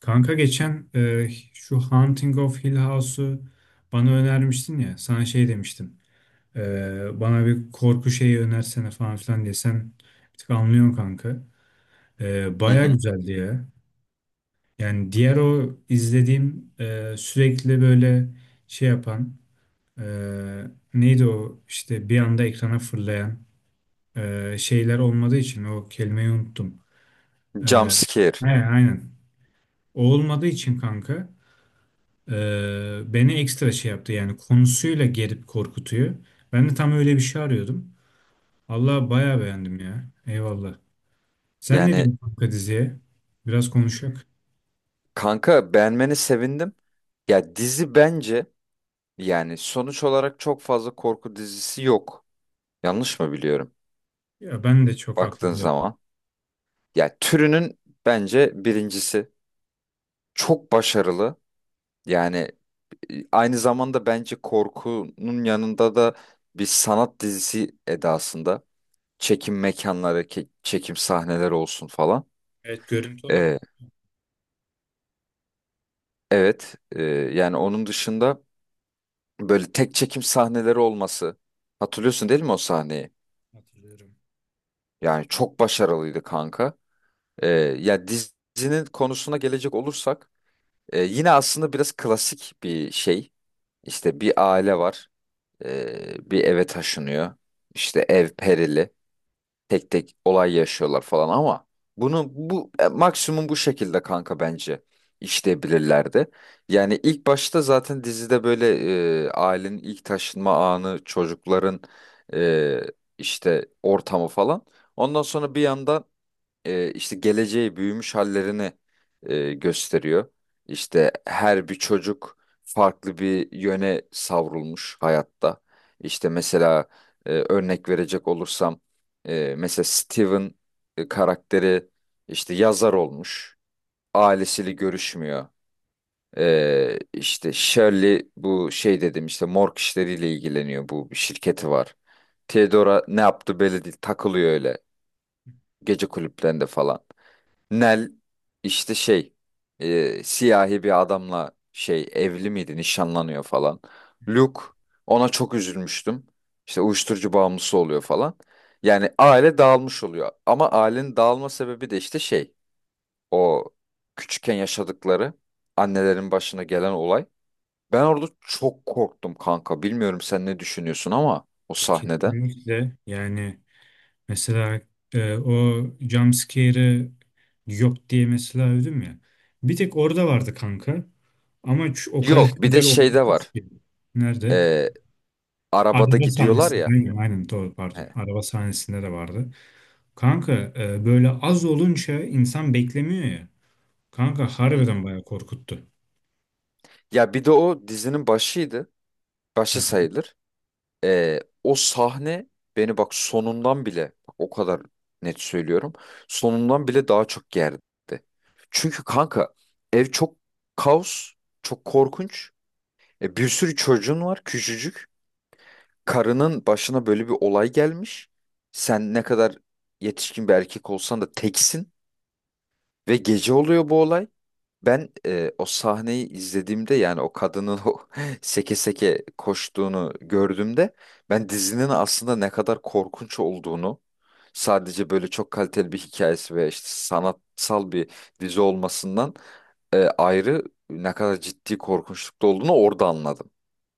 Kanka geçen şu Haunting of Hill House'u bana önermiştin ya. Sana şey demiştim. Bana bir korku şeyi önersene falan filan diye. Sen bir tık anlıyorsun kanka. Hı Baya hı. güzeldi ya. Yani diğer o izlediğim sürekli böyle şey yapan e, neydi o işte bir anda ekrana fırlayan şeyler olmadığı için o kelimeyi unuttum. E, Jump scare. he, aynen. O olmadığı için kanka, beni ekstra şey yaptı yani konusuyla gerip korkutuyor. Ben de tam öyle bir şey arıyordum. Allah bayağı beğendim ya. Eyvallah. Sen ne Yani diyorsun kanka diziye? Biraz konuşak. kanka beğenmeni sevindim. Ya dizi bence yani sonuç olarak çok fazla korku dizisi yok. Yanlış mı biliyorum? Ya ben de çok Baktığın aklımda yok. zaman. Ya türünün bence birincisi. Çok başarılı. Yani aynı zamanda bence korkunun yanında da bir sanat dizisi edasında. Çekim mekanları, çekim sahneleri olsun falan. Evet, görüntü olarak Ee, evet. Yani onun dışında böyle tek çekim sahneleri olması. Hatırlıyorsun değil mi o sahneyi? hatırlıyorum. Yani çok başarılıydı kanka. Ee, Ya dizinin konusuna gelecek olursak yine aslında biraz klasik bir şey. İşte bir aile var. Bir eve taşınıyor. İşte ev perili, tek tek olay yaşıyorlar falan ama bunu maksimum bu şekilde kanka bence işleyebilirlerdi. Yani ilk başta zaten dizide böyle ailenin ilk taşınma anı, çocukların e, işte ortamı falan. Ondan sonra bir yandan işte geleceği büyümüş hallerini gösteriyor. İşte her bir çocuk farklı bir yöne savrulmuş hayatta. İşte mesela örnek verecek olursam mesela Steven karakteri işte yazar olmuş. Ailesiyle görüşmüyor. İşte Shirley bu şey dedim işte morg işleriyle ilgileniyor, bu bir şirketi var. Theodora ne yaptı belli değil, takılıyor öyle gece kulüplerinde falan. Nel işte şey siyahi bir adamla şey evli miydi nişanlanıyor falan. Luke, ona çok üzülmüştüm. İşte uyuşturucu bağımlısı oluyor falan. Yani aile dağılmış oluyor. Ama ailenin dağılma sebebi de işte şey, o küçükken yaşadıkları, annelerin başına gelen olay. Ben orada çok korktum kanka. Bilmiyorum sen ne düşünüyorsun ama o sahneden. Kesinlikle yani mesela o jump scare'ı yok diye mesela övdüm ya. Bir tek orada vardı kanka. Ama o kadar Yok bir de güzel şeyde oturmuş var. ki. Nerede? E, Arabada Araba gidiyorlar sahnesinde ya. aynen, aynen doğru, pardon. He. Araba sahnesinde de vardı. Kanka, böyle az olunca insan beklemiyor ya. Kanka harbiden bayağı korkuttu. Ya bir de o dizinin başıydı. Başı Heh. sayılır. O sahne beni bak sonundan bile, bak o kadar net söylüyorum, sonundan bile daha çok gerdi. Çünkü kanka ev çok kaos, çok korkunç. Bir sürü çocuğun var küçücük. Karının başına böyle bir olay gelmiş. Sen ne kadar yetişkin bir erkek olsan da teksin. Ve gece oluyor bu olay. Ben o sahneyi izlediğimde, yani o kadının o seke seke koştuğunu gördüğümde, ben dizinin aslında ne kadar korkunç olduğunu, sadece böyle çok kaliteli bir hikayesi ve işte sanatsal bir dizi olmasından ayrı, ne kadar ciddi korkunçlukta olduğunu orada anladım.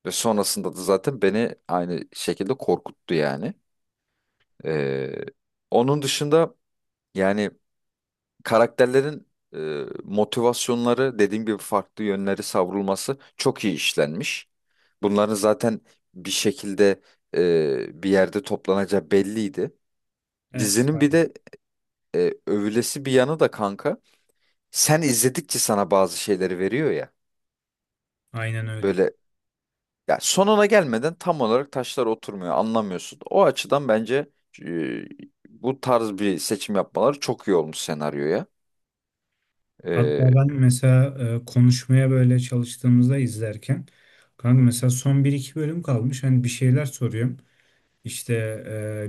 Ve sonrasında da zaten beni aynı şekilde korkuttu yani. E, Onun dışında yani karakterlerin motivasyonları, dediğim gibi farklı yönleri savrulması çok iyi işlenmiş. Bunların zaten bir şekilde bir yerde toplanacağı belliydi. Evet. Dizinin bir Aynen. de övülesi bir yanı da kanka. Sen izledikçe sana bazı şeyleri veriyor ya. Aynen öyle. Böyle, ya sonuna gelmeden tam olarak taşlar oturmuyor, anlamıyorsun. O açıdan bence e, bu tarz bir seçim yapmaları çok iyi olmuş senaryoya. Hatta E, ben mesela konuşmaya böyle çalıştığımızda izlerken kanka mesela son bir iki bölüm kalmış. Hani bir şeyler soruyorum. İşte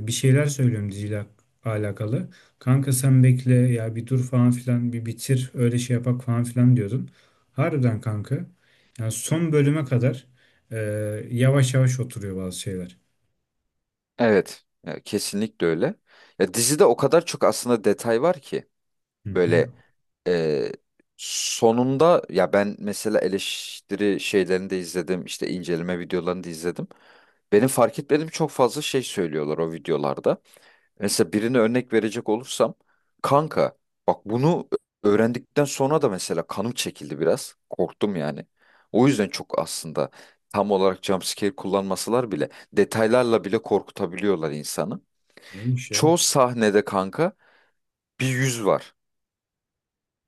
bir şeyler söylüyorum diziyle alakalı. Kanka sen bekle ya, bir dur falan filan, bir bitir öyle şey yapak falan filan diyordun. Harbiden kanka. Yani son bölüme kadar e, yavaş yavaş oturuyor bazı şeyler. Evet, ya kesinlikle öyle. Ya dizide o kadar çok aslında detay var ki Hı hı. böyle, e, sonunda, ya ben mesela eleştiri şeylerini de izledim, işte inceleme videolarını da izledim. Benim fark etmediğim çok fazla şey söylüyorlar o videolarda. Mesela birine örnek verecek olursam kanka, bak bunu öğrendikten sonra da mesela kanım çekildi biraz. Korktum yani. O yüzden çok aslında tam olarak jumpscare kullanmasalar bile detaylarla bile korkutabiliyorlar insanı. Neymiş ya? Çoğu sahnede kanka bir yüz var.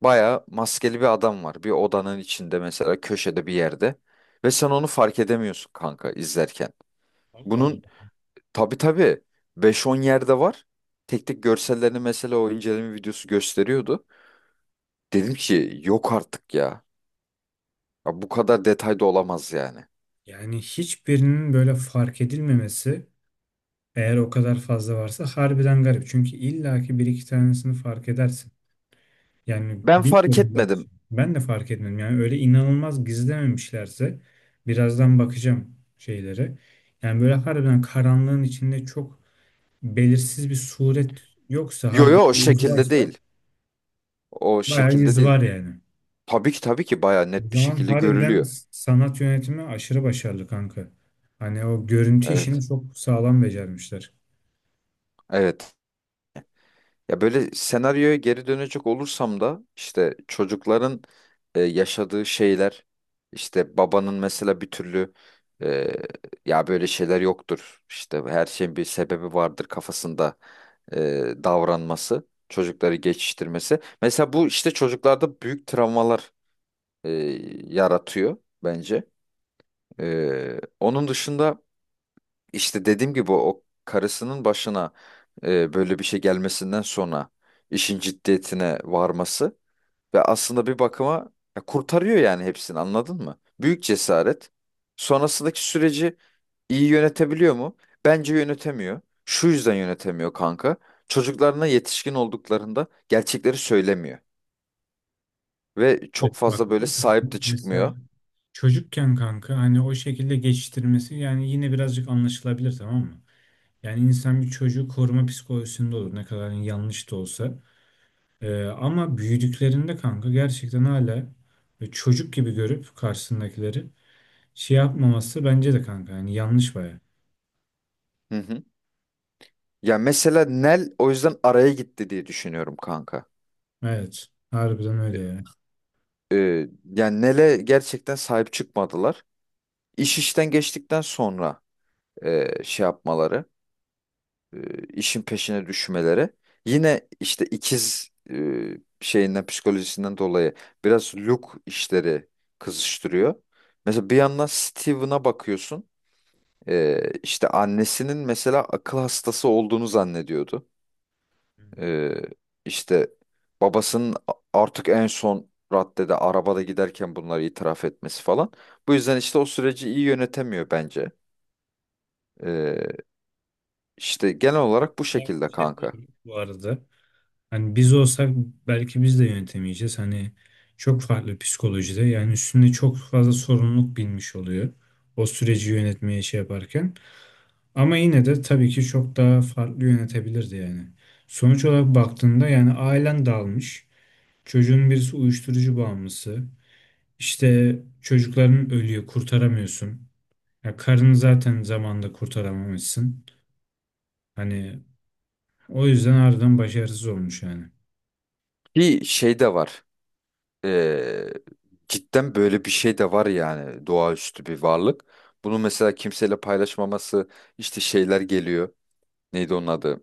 Baya maskeli bir adam var. Bir odanın içinde mesela köşede bir yerde. Ve sen onu fark edemiyorsun kanka izlerken. Allah Bunun, Allah. tabii tabii, beş on yerde var. Tek tek görsellerini mesela o inceleme videosu gösteriyordu. Dedim ki yok artık ya. Ya bu kadar detayda olamaz yani. Yani hiçbirinin böyle fark edilmemesi, eğer o kadar fazla varsa harbiden garip. Çünkü illaki bir iki tanesini fark edersin. Yani Ben fark bilmiyorum etmedim. gerçi. Ben de fark etmedim. Yani öyle inanılmaz gizlememişlerse birazdan bakacağım şeylere. Yani böyle harbiden karanlığın içinde çok belirsiz bir suret yoksa Yo yo, harbiden o yüz şekilde varsa, değil. O bayağı şekilde yüz değil. var yani. Tabii ki tabii ki baya O net bir zaman şekilde harbiden görülüyor. sanat yönetimi aşırı başarılı kanka. Hani o görüntü işini Evet. çok sağlam becermişler. Evet. Ya böyle senaryoya geri dönecek olursam da işte çocukların yaşadığı şeyler, işte babanın mesela bir türlü e, ya böyle şeyler yoktur, işte her şeyin bir sebebi vardır kafasında e, davranması, çocukları geçiştirmesi. Mesela bu işte çocuklarda büyük travmalar e, yaratıyor bence. Onun dışında işte dediğim gibi o karısının başına böyle bir şey gelmesinden sonra işin ciddiyetine varması ve aslında bir bakıma ya kurtarıyor yani hepsini, anladın mı? Büyük cesaret. Sonrasındaki süreci iyi yönetebiliyor mu? Bence yönetemiyor. Şu yüzden yönetemiyor kanka. Çocuklarına yetişkin olduklarında gerçekleri söylemiyor ve Evet, çok bak fazla böyle o kısmı sahip de çıkmıyor. mesela çocukken kanka hani o şekilde geçiştirmesi yani yine birazcık anlaşılabilir, tamam mı? Yani insan bir çocuğu koruma psikolojisinde olur, ne kadar yanlış da olsa. Ama büyüdüklerinde kanka gerçekten hala böyle çocuk gibi görüp karşısındakileri şey yapmaması bence de kanka yani yanlış baya. Hı hı. Ya mesela Nel o yüzden araya gitti diye düşünüyorum kanka. Evet, harbiden öyle ya. e, Yani Nele gerçekten sahip çıkmadılar. İş işten geçtikten sonra şey yapmaları, işin peşine düşmeleri. Yine işte ikiz şeyinden, psikolojisinden dolayı biraz Luke işleri kızıştırıyor. Mesela bir yandan Steven'a bakıyorsun. İşte annesinin mesela akıl hastası olduğunu zannediyordu. Ee, işte babasının artık en son raddede arabada giderken bunları itiraf etmesi falan. Bu yüzden işte o süreci iyi yönetemiyor bence. Ee, işte genel olarak bu Ben şekilde bir şey kanka. değil bu arada. Hani biz olsak belki biz de yönetemeyeceğiz. Hani çok farklı psikolojide, yani üstünde çok fazla sorumluluk binmiş oluyor. O süreci yönetmeye şey yaparken. Ama yine de tabii ki çok daha farklı yönetebilirdi yani. Sonuç olarak baktığında yani ailen dağılmış. Çocuğun birisi uyuşturucu bağımlısı. İşte çocukların ölüyor, kurtaramıyorsun. Ya karını zaten zamanında kurtaramamışsın. Hani o yüzden harbiden başarısız olmuş yani. Bir şey de var. Ee, Cidden böyle bir şey de var, yani doğaüstü bir varlık. Bunu mesela kimseyle paylaşmaması, işte şeyler geliyor. Neydi onun adı?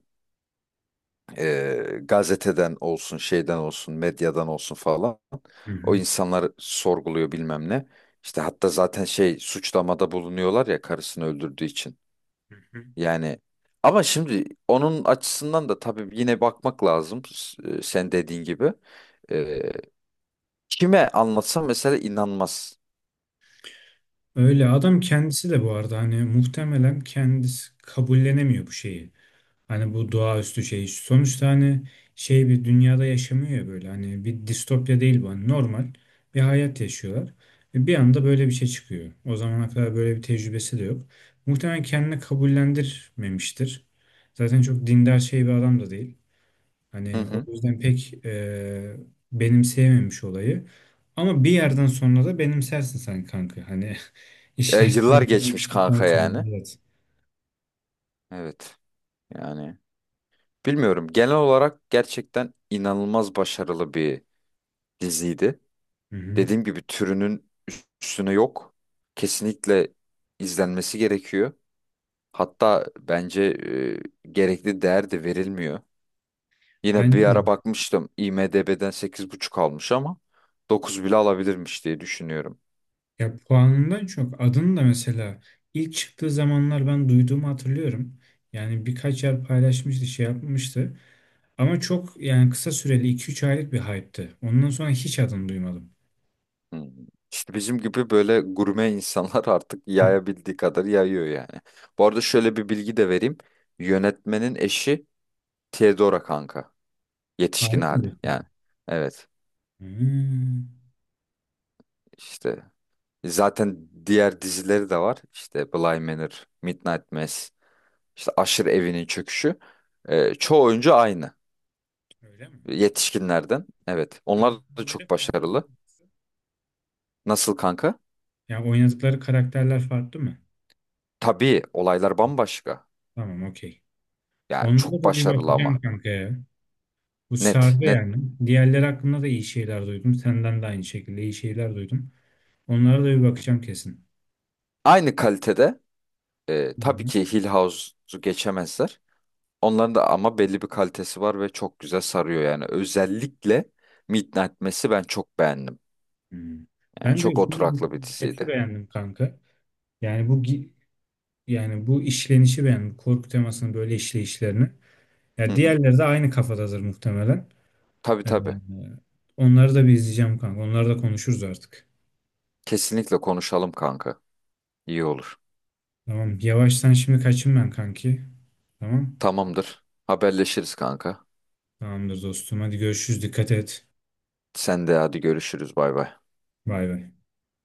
Gazeteden olsun, şeyden olsun, medyadan olsun falan. Hı O hı. insanlar sorguluyor bilmem ne. İşte hatta zaten şey, suçlamada bulunuyorlar ya karısını öldürdüğü için. Hı hı. Yani ama şimdi onun açısından da tabii yine bakmak lazım. Sen dediğin gibi. E, Kime anlatsam mesela inanmaz. Öyle adam kendisi de bu arada hani muhtemelen kendisi kabullenemiyor bu şeyi. Hani bu doğaüstü şey. Sonuçta hani şey bir dünyada yaşamıyor ya böyle. Hani bir distopya değil bu. Hani normal bir hayat yaşıyorlar. Ve bir anda böyle bir şey çıkıyor. O zamana kadar böyle bir tecrübesi de yok. Muhtemelen kendini kabullendirmemiştir. Zaten çok dindar şey bir adam da değil. Hı Hani o hı. yüzden pek benimseyememiş olayı. Ama bir yerden sonra da benimsersin sen kanka. Hani işler şey Yıllar geçmiş olduktan kanka yani. sonra. Evet. Evet. Yani bilmiyorum. Genel olarak gerçekten inanılmaz başarılı bir diziydi. Hı hı. Dediğim gibi türünün üstüne yok. Kesinlikle izlenmesi gerekiyor. Hatta bence gerekli değer de verilmiyor. Yine bir Bence ara de. bakmıştım, IMDb'den 8,5 almış ama 9 bile alabilirmiş diye düşünüyorum. Ya puanından çok adını da mesela ilk çıktığı zamanlar ben duyduğumu hatırlıyorum. Yani birkaç yer paylaşmıştı, şey yapmıştı. Ama çok yani kısa süreli 2 3 aylık bir hype'tı. Ondan sonra hiç adını duymadım. Hmm. İşte bizim gibi böyle gurme insanlar artık Hı. yayabildiği kadar yayıyor yani. Bu arada şöyle bir bilgi de vereyim. Yönetmenin eşi Theodora kanka. Harbi Yetişkin mi hali yani. diyorsun? Evet, Hmm, işte zaten diğer dizileri de var. İşte Bly Manor, Midnight Mass, işte Aşırı Evinin Çöküşü. Çoğu oyuncu aynı. öyle mi? Yetişkinlerden. Evet. Onlar da Karakterleri çok farklı mı başarılı. yoksa? Nasıl kanka? Ya oynadıkları karakterler farklı mı? Tabii olaylar bambaşka. Tamam, okey. Yani Onlara çok da bir başarılı ama. bakacağım kanka ya. Bu Net, sardı net. yani. Diğerleri hakkında da iyi şeyler duydum. Senden de aynı şekilde iyi şeyler duydum. Onlara da bir bakacağım kesin. Aynı kalitede. Hı Tabii hı. ki Hill House'u geçemezler. Onların da ama belli bir kalitesi var ve çok güzel sarıyor yani. Özellikle Midnight Mass'i ben çok beğendim. Hı. Yani Ben de çok şunu, oturaklı bir konsepti diziydi. beğendim kanka. Yani yani bu işlenişi beğendim. Korku temasının böyle işleyişlerini. Hı Ya hı. diğerleri de aynı kafadadır muhtemelen. Tabii Ee, tabii. Onları da bir izleyeceğim kanka. Onları da konuşuruz artık. Kesinlikle konuşalım kanka. İyi olur. Tamam. Yavaştan şimdi kaçayım ben kanki. Tamam. Tamamdır. Haberleşiriz kanka. Tamamdır dostum. Hadi görüşürüz. Dikkat et. Sen de hadi görüşürüz. Bay bay. Bay bay.